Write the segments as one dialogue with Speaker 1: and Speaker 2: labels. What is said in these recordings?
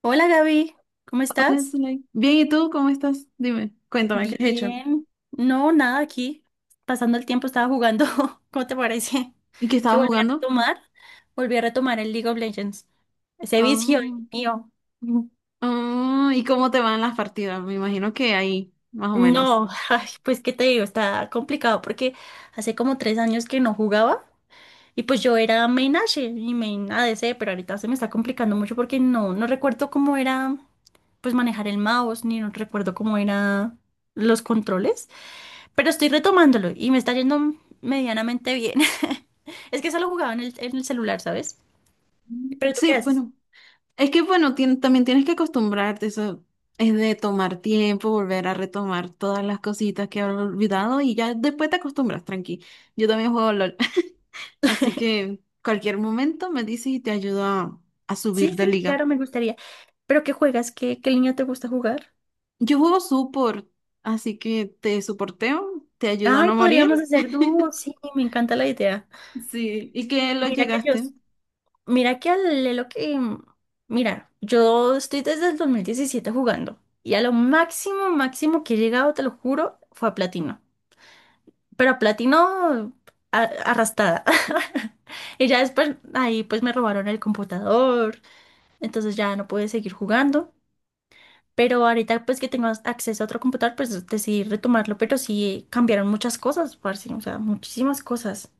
Speaker 1: Hola Gaby, ¿cómo
Speaker 2: Hola,
Speaker 1: estás?
Speaker 2: Zulay. Bien, ¿y tú cómo estás? Dime, cuéntame, ¿qué has hecho?
Speaker 1: Bien. No, nada aquí. Pasando el tiempo estaba jugando. ¿Cómo te parece?
Speaker 2: ¿Y qué
Speaker 1: Que
Speaker 2: estabas
Speaker 1: volví a
Speaker 2: jugando?
Speaker 1: retomar. Volví a retomar el League of Legends. Ese vicio, Dios
Speaker 2: Oh.
Speaker 1: mío. Mm.
Speaker 2: Ah, ¿y cómo te van las partidas? Me imagino que ahí, más o menos.
Speaker 1: No, ay, pues qué te digo, está complicado porque hace como 3 años que no jugaba y pues yo era main Ashe y main ADC, pero ahorita se me está complicando mucho porque no recuerdo cómo era pues manejar el mouse, ni no recuerdo cómo era los controles. Pero estoy retomándolo y me está yendo medianamente bien. Es que solo jugaba en el celular, ¿sabes?
Speaker 2: Mm,
Speaker 1: ¿Pero tú
Speaker 2: sí,
Speaker 1: qué haces?
Speaker 2: bueno, es que bueno, también tienes que acostumbrarte, eso es de tomar tiempo, volver a retomar todas las cositas que has olvidado y ya después te acostumbras, tranqui. Yo también juego LOL, así que cualquier momento me dices y te ayudo a
Speaker 1: Sí,
Speaker 2: subir de
Speaker 1: sí,
Speaker 2: liga.
Speaker 1: claro, me gustaría. ¿Pero qué juegas? ¿Qué línea te gusta jugar?
Speaker 2: Yo juego support, así que te soporteo, te ayudo a
Speaker 1: Ay,
Speaker 2: no morir.
Speaker 1: podríamos hacer dúo, sí, me encanta la idea.
Speaker 2: Sí, ¿y que lo
Speaker 1: Mira que yo,
Speaker 2: llegaste?
Speaker 1: mira que al Lelo que, yo estoy desde el 2017 jugando y a lo máximo, máximo que he llegado, te lo juro, fue a platino, pero platino arrastrada. Y ya después ahí pues me robaron el computador, entonces ya no pude seguir jugando. Pero ahorita pues que tengo acceso a otro computador, pues decidí retomarlo, pero sí cambiaron muchas cosas, parce, o sea, muchísimas cosas.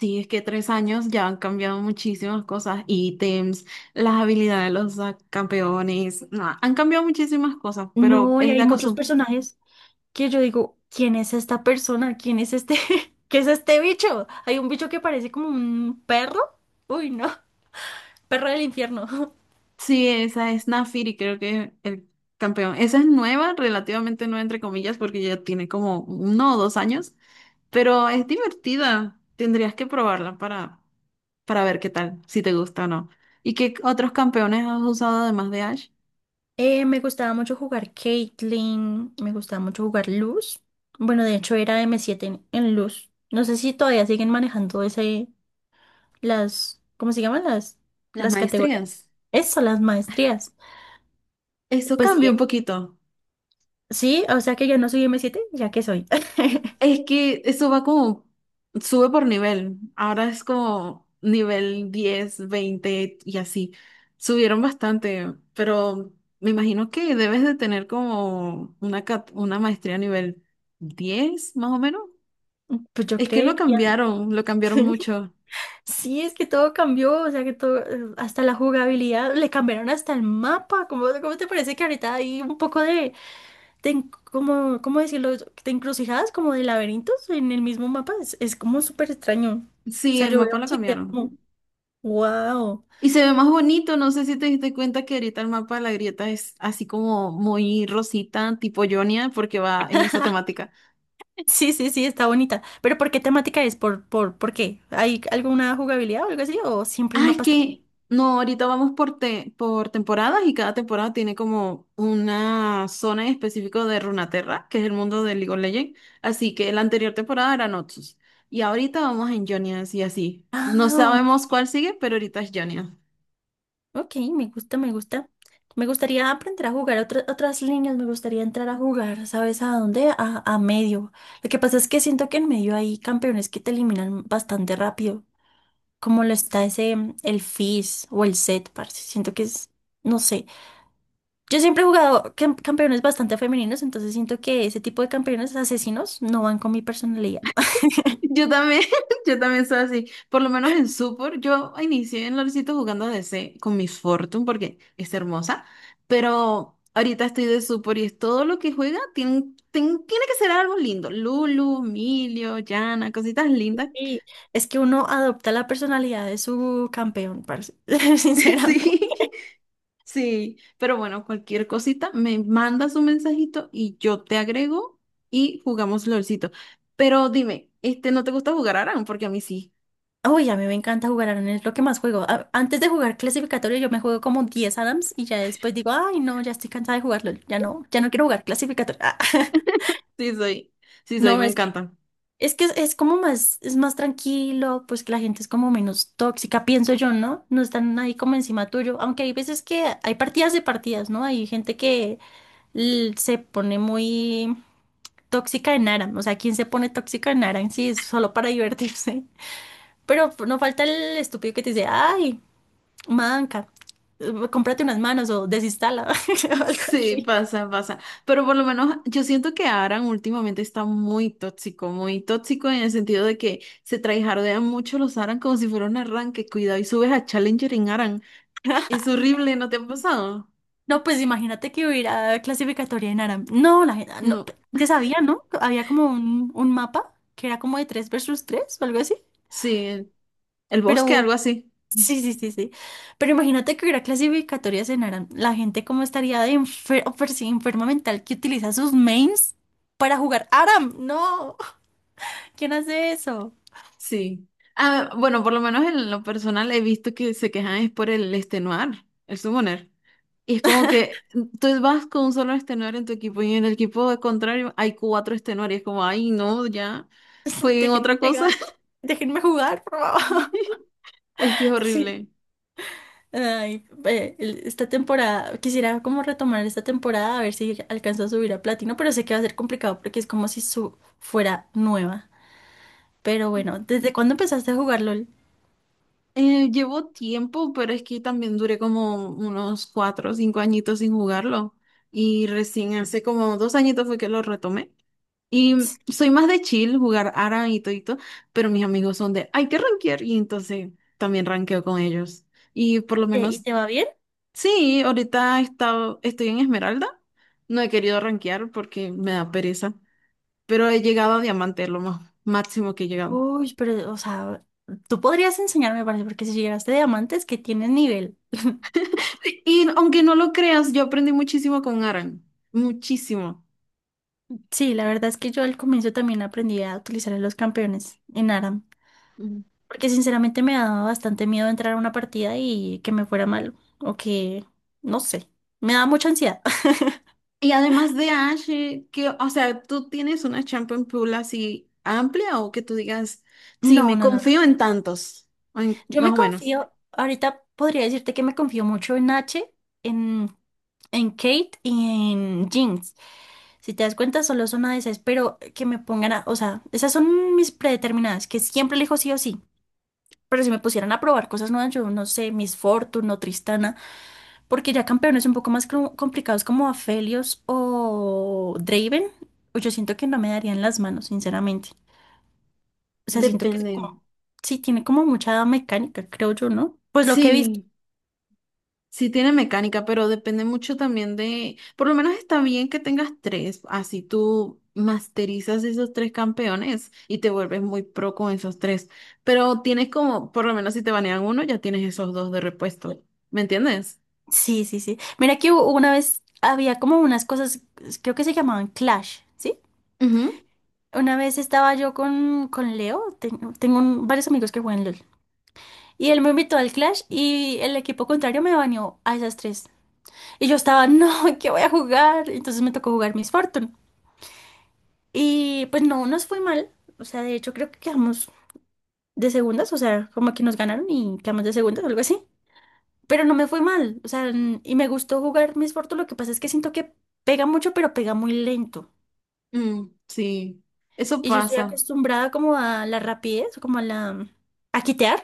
Speaker 2: Sí, es que 3 años ya han cambiado muchísimas cosas, ítems, las habilidades de los campeones, no, han cambiado muchísimas cosas, pero
Speaker 1: No, y
Speaker 2: es de
Speaker 1: hay muchos
Speaker 2: acoso.
Speaker 1: personajes que yo digo, ¿quién es esta persona? ¿Quién es este? ¿Qué es este bicho? Hay un bicho que parece como un perro. Uy, no, perro del infierno.
Speaker 2: Sí, esa es Nafiri, creo que es el campeón. Esa es nueva, relativamente nueva, entre comillas, porque ya tiene como 1 o 2 años, pero es divertida. Tendrías que probarla para ver qué tal, si te gusta o no. ¿Y qué otros campeones has usado además de Ash?
Speaker 1: Me gustaba mucho jugar Caitlyn, me gustaba mucho jugar Luz. Bueno, de hecho era M7 en Luz. No sé si todavía siguen manejando ese, las, ¿cómo se llaman? Las,
Speaker 2: Las
Speaker 1: las categorías.
Speaker 2: maestrías.
Speaker 1: Eso, las maestrías.
Speaker 2: Eso
Speaker 1: Pues
Speaker 2: cambia
Speaker 1: sí,
Speaker 2: un poquito.
Speaker 1: sí, o sea que ya no soy M7 ya que soy.
Speaker 2: Es que eso va como, sube por nivel. Ahora es como nivel 10, 20 y así. Subieron bastante, pero me imagino que debes de tener como una, una maestría nivel 10 más o menos.
Speaker 1: Pues yo
Speaker 2: Es que
Speaker 1: creería.
Speaker 2: lo cambiaron mucho.
Speaker 1: Sí, es que todo cambió, o sea que todo, hasta la jugabilidad, le cambiaron hasta el mapa. ¿Cómo te parece que ahorita hay un poco de ¿cómo decirlo? Te encrucijadas como de laberintos en el mismo mapa. Es como súper extraño. O
Speaker 2: Sí,
Speaker 1: sea,
Speaker 2: el
Speaker 1: yo veo
Speaker 2: mapa lo
Speaker 1: se queda
Speaker 2: cambiaron.
Speaker 1: como, wow.
Speaker 2: Y se ve más bonito, no sé si te diste cuenta que ahorita el mapa de la grieta es así como muy rosita, tipo Jonia, porque va en esa temática.
Speaker 1: Sí, sí, sí, está bonita. Pero ¿por qué temática es? ¿Por qué? ¿Hay alguna jugabilidad o algo así? ¿O siempre el
Speaker 2: Ah, es
Speaker 1: mapa está así?
Speaker 2: que no, ahorita vamos por, por temporadas y cada temporada tiene como una zona en específico de Runaterra, que es el mundo de League of Legends. Así que la anterior temporada era Noxus. Y ahorita vamos en Jonia, así así. No
Speaker 1: Ah,
Speaker 2: sabemos cuál sigue, pero ahorita es Jonia.
Speaker 1: ok, me gusta, me gusta. Me gustaría aprender a jugar otras líneas, me gustaría entrar a jugar, ¿sabes a dónde? A medio. Lo que pasa es que siento que en medio hay campeones que te eliminan bastante rápido, como lo está ese, el Fizz o el set, parce. Siento que es, no sé. Yo siempre he jugado campeones bastante femeninos, entonces siento que ese tipo de campeones asesinos no van con mi personalidad.
Speaker 2: Yo también, yo también soy así. Por lo menos en Super, yo inicié en LOLcito jugando DC con Miss Fortune porque es hermosa, pero ahorita estoy de Super y es todo lo que juega tiene, tiene que ser algo lindo. Lulu, Emilio, Yana, cositas lindas.
Speaker 1: Y es que uno adopta la personalidad de su campeón, parce. Sinceramente.
Speaker 2: Sí, sí, pero bueno, cualquier cosita, me mandas un mensajito y yo te agrego y jugamos LOLcito. Pero dime, este, ¿no te gusta jugar Aran? Porque a mí sí,
Speaker 1: Uy, a mí me encanta jugar Adams, es lo que más juego. Antes de jugar clasificatorio, yo me juego como 10 Adams y ya después digo, ay, no, ya estoy cansada de jugarlo, ya no, ya no quiero jugar clasificatorio.
Speaker 2: sí soy, sí soy,
Speaker 1: No,
Speaker 2: me
Speaker 1: es.
Speaker 2: encanta.
Speaker 1: Es que es como más, es más tranquilo, pues que la gente es como menos tóxica, pienso yo, ¿no? No están ahí como encima tuyo, aunque hay veces que hay partidas de partidas, ¿no? Hay gente que se pone muy tóxica en Aram, o sea, ¿quién se pone tóxica en Aram? Sí, es solo para divertirse. Pero no falta el estúpido que te dice, ay, manca, cómprate unas manos o desinstala, o algo
Speaker 2: Sí,
Speaker 1: así.
Speaker 2: pasa, pasa. Pero por lo menos yo siento que Aran últimamente está muy tóxico en el sentido de que se traijardean mucho los Aran como si fuera un arranque. Cuidado y subes a Challenger en Aran. Es horrible, ¿no te ha pasado?
Speaker 1: No, pues imagínate que hubiera clasificatoria en árabe. No, la gente, no,
Speaker 2: No.
Speaker 1: ya sabía, ¿no? Había como un mapa que era como de 3 versus 3 o algo así.
Speaker 2: Sí, el bosque, algo
Speaker 1: Pero
Speaker 2: así.
Speaker 1: sí, sí, sí, sí. Pero imagínate que hubiera clasificatorias en árabe. La gente como estaría de sí, enferma mental que utiliza sus mains para jugar Aram. No, ¿quién hace eso?
Speaker 2: Sí. Ah, bueno, por lo menos en lo personal he visto que se quejan es por el extenuar, el summoner. Y es como que tú vas con un solo extenuar en tu equipo y en el equipo de contrario hay cuatro extenuar y es como, ay, no, ya, fue en
Speaker 1: Déjenme
Speaker 2: otra cosa.
Speaker 1: pegar, déjenme jugar.
Speaker 2: Es que es
Speaker 1: Sí.
Speaker 2: horrible.
Speaker 1: Ay, ve, esta temporada, quisiera como retomar esta temporada a ver si alcanzo a subir a platino, pero sé que va a ser complicado porque es como si su fuera nueva. Pero bueno, ¿desde cuándo empezaste a jugar LOL?
Speaker 2: Llevo tiempo, pero es que también duré como unos 4 o 5 añitos sin jugarlo. Y recién hace como 2 añitos fue que lo retomé. Y soy más de chill, jugar Aran y todito, pero mis amigos son de, hay que rankear, y entonces también rankeo con ellos. Y por lo
Speaker 1: ¿Y
Speaker 2: menos,
Speaker 1: te va bien?
Speaker 2: sí, ahorita estoy en Esmeralda, no he querido rankear porque me da pereza, pero he llegado a Diamante, lo más máximo que he llegado.
Speaker 1: Uy, pero, o sea, tú podrías enseñarme, parece, porque si llegaste a diamantes, que tienes nivel.
Speaker 2: Y aunque no lo creas, yo aprendí muchísimo con Aran muchísimo.
Speaker 1: Sí, la verdad es que yo al comienzo también aprendí a utilizar a los campeones en ARAM, porque sinceramente me daba bastante miedo entrar a una partida y que me fuera mal, o que, no sé, me daba mucha ansiedad.
Speaker 2: Y además de Ash, que, o sea, ¿tú tienes una champion pool así amplia o que tú digas, sí,
Speaker 1: No,
Speaker 2: me
Speaker 1: no, no, no.
Speaker 2: confío en tantos? O
Speaker 1: Yo
Speaker 2: más
Speaker 1: me
Speaker 2: o menos.
Speaker 1: confío, ahorita podría decirte que me confío mucho en H, en, en Kate y en Jinx. Si te das cuenta, solo son una de esas, pero que me pongan a, o sea, esas son mis predeterminadas, que siempre elijo sí o sí. Pero si me pusieran a probar cosas nuevas, yo no sé, Miss Fortune o Tristana, porque ya campeones un poco más complicados como Aphelios o Draven, pues yo siento que no me darían las manos, sinceramente. O sea, siento que es
Speaker 2: Depende.
Speaker 1: como, sí, tiene como mucha mecánica, creo yo, ¿no? Pues lo que he visto.
Speaker 2: Sí, sí tiene mecánica, pero depende mucho también de, por lo menos está bien que tengas tres, así tú masterizas esos tres campeones y te vuelves muy pro con esos tres. Pero tienes como, por lo menos si te banean uno, ya tienes esos dos de repuesto. ¿Me entiendes?
Speaker 1: Sí, sí, sí. Mira que una vez había como unas cosas, creo que se llamaban Clash, ¿sí?
Speaker 2: Ujú.
Speaker 1: Una vez estaba yo con Leo, tengo varios amigos que juegan LOL, y él me invitó al Clash y el equipo contrario me baneó a esas tres. Y yo estaba, no, ¿qué voy a jugar? Entonces me tocó jugar Miss Fortune. Y pues no, nos fue mal. O sea, de hecho creo que quedamos de segundas, o sea, como que nos ganaron y quedamos de segundas o algo así, pero no me fue mal, o sea, y me gustó jugar Miss Fortune, lo que pasa es que siento que pega mucho, pero pega muy lento.
Speaker 2: Mm, sí, eso
Speaker 1: Y yo estoy
Speaker 2: pasa.
Speaker 1: acostumbrada como a la rapidez, como a la, a quitear,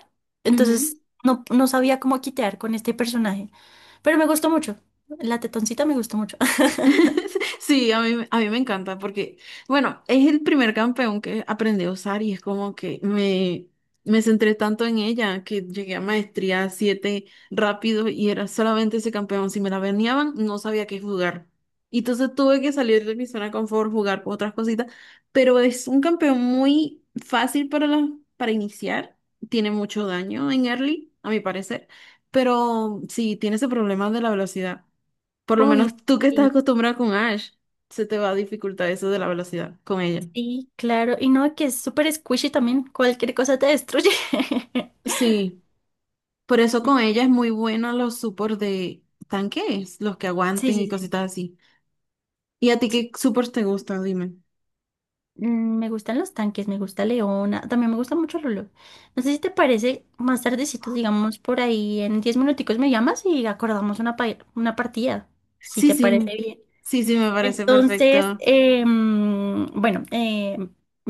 Speaker 2: Ujú.
Speaker 1: entonces no, no sabía cómo quitear con este personaje, pero me gustó mucho, la tetoncita me gustó mucho.
Speaker 2: Sí, a mí me encanta porque, bueno, es el primer campeón que aprendí a usar y es como que me centré tanto en ella que llegué a maestría 7 rápido y era solamente ese campeón. Si me la venían, no sabía qué jugar. Y entonces tuve que salir de mi zona de confort, jugar con otras cositas, pero es un campeón muy fácil para, para iniciar. Tiene mucho daño en early, a mi parecer, pero sí, tiene ese problema de la velocidad. Por lo menos
Speaker 1: Uy,
Speaker 2: tú que estás
Speaker 1: sí,
Speaker 2: acostumbrada con Ash, se te va a dificultar eso de la velocidad con ella.
Speaker 1: sí, claro, y no, que es súper squishy también, cualquier cosa te destruye.
Speaker 2: Sí, por eso con ella es muy bueno los supports de tanques, los que
Speaker 1: Sí,
Speaker 2: aguanten
Speaker 1: sí,
Speaker 2: y
Speaker 1: sí.
Speaker 2: cositas así. ¿Y a ti qué supports te gustan? Dime.
Speaker 1: Me gustan los tanques, me gusta Leona, también me gusta mucho Lolo. No sé si te parece, más tardecito, digamos por ahí, en 10 minuticos me llamas y acordamos una partida, si
Speaker 2: Sí,
Speaker 1: te
Speaker 2: sí,
Speaker 1: parece bien.
Speaker 2: sí, sí, me parece
Speaker 1: Entonces,
Speaker 2: perfecto.
Speaker 1: bueno.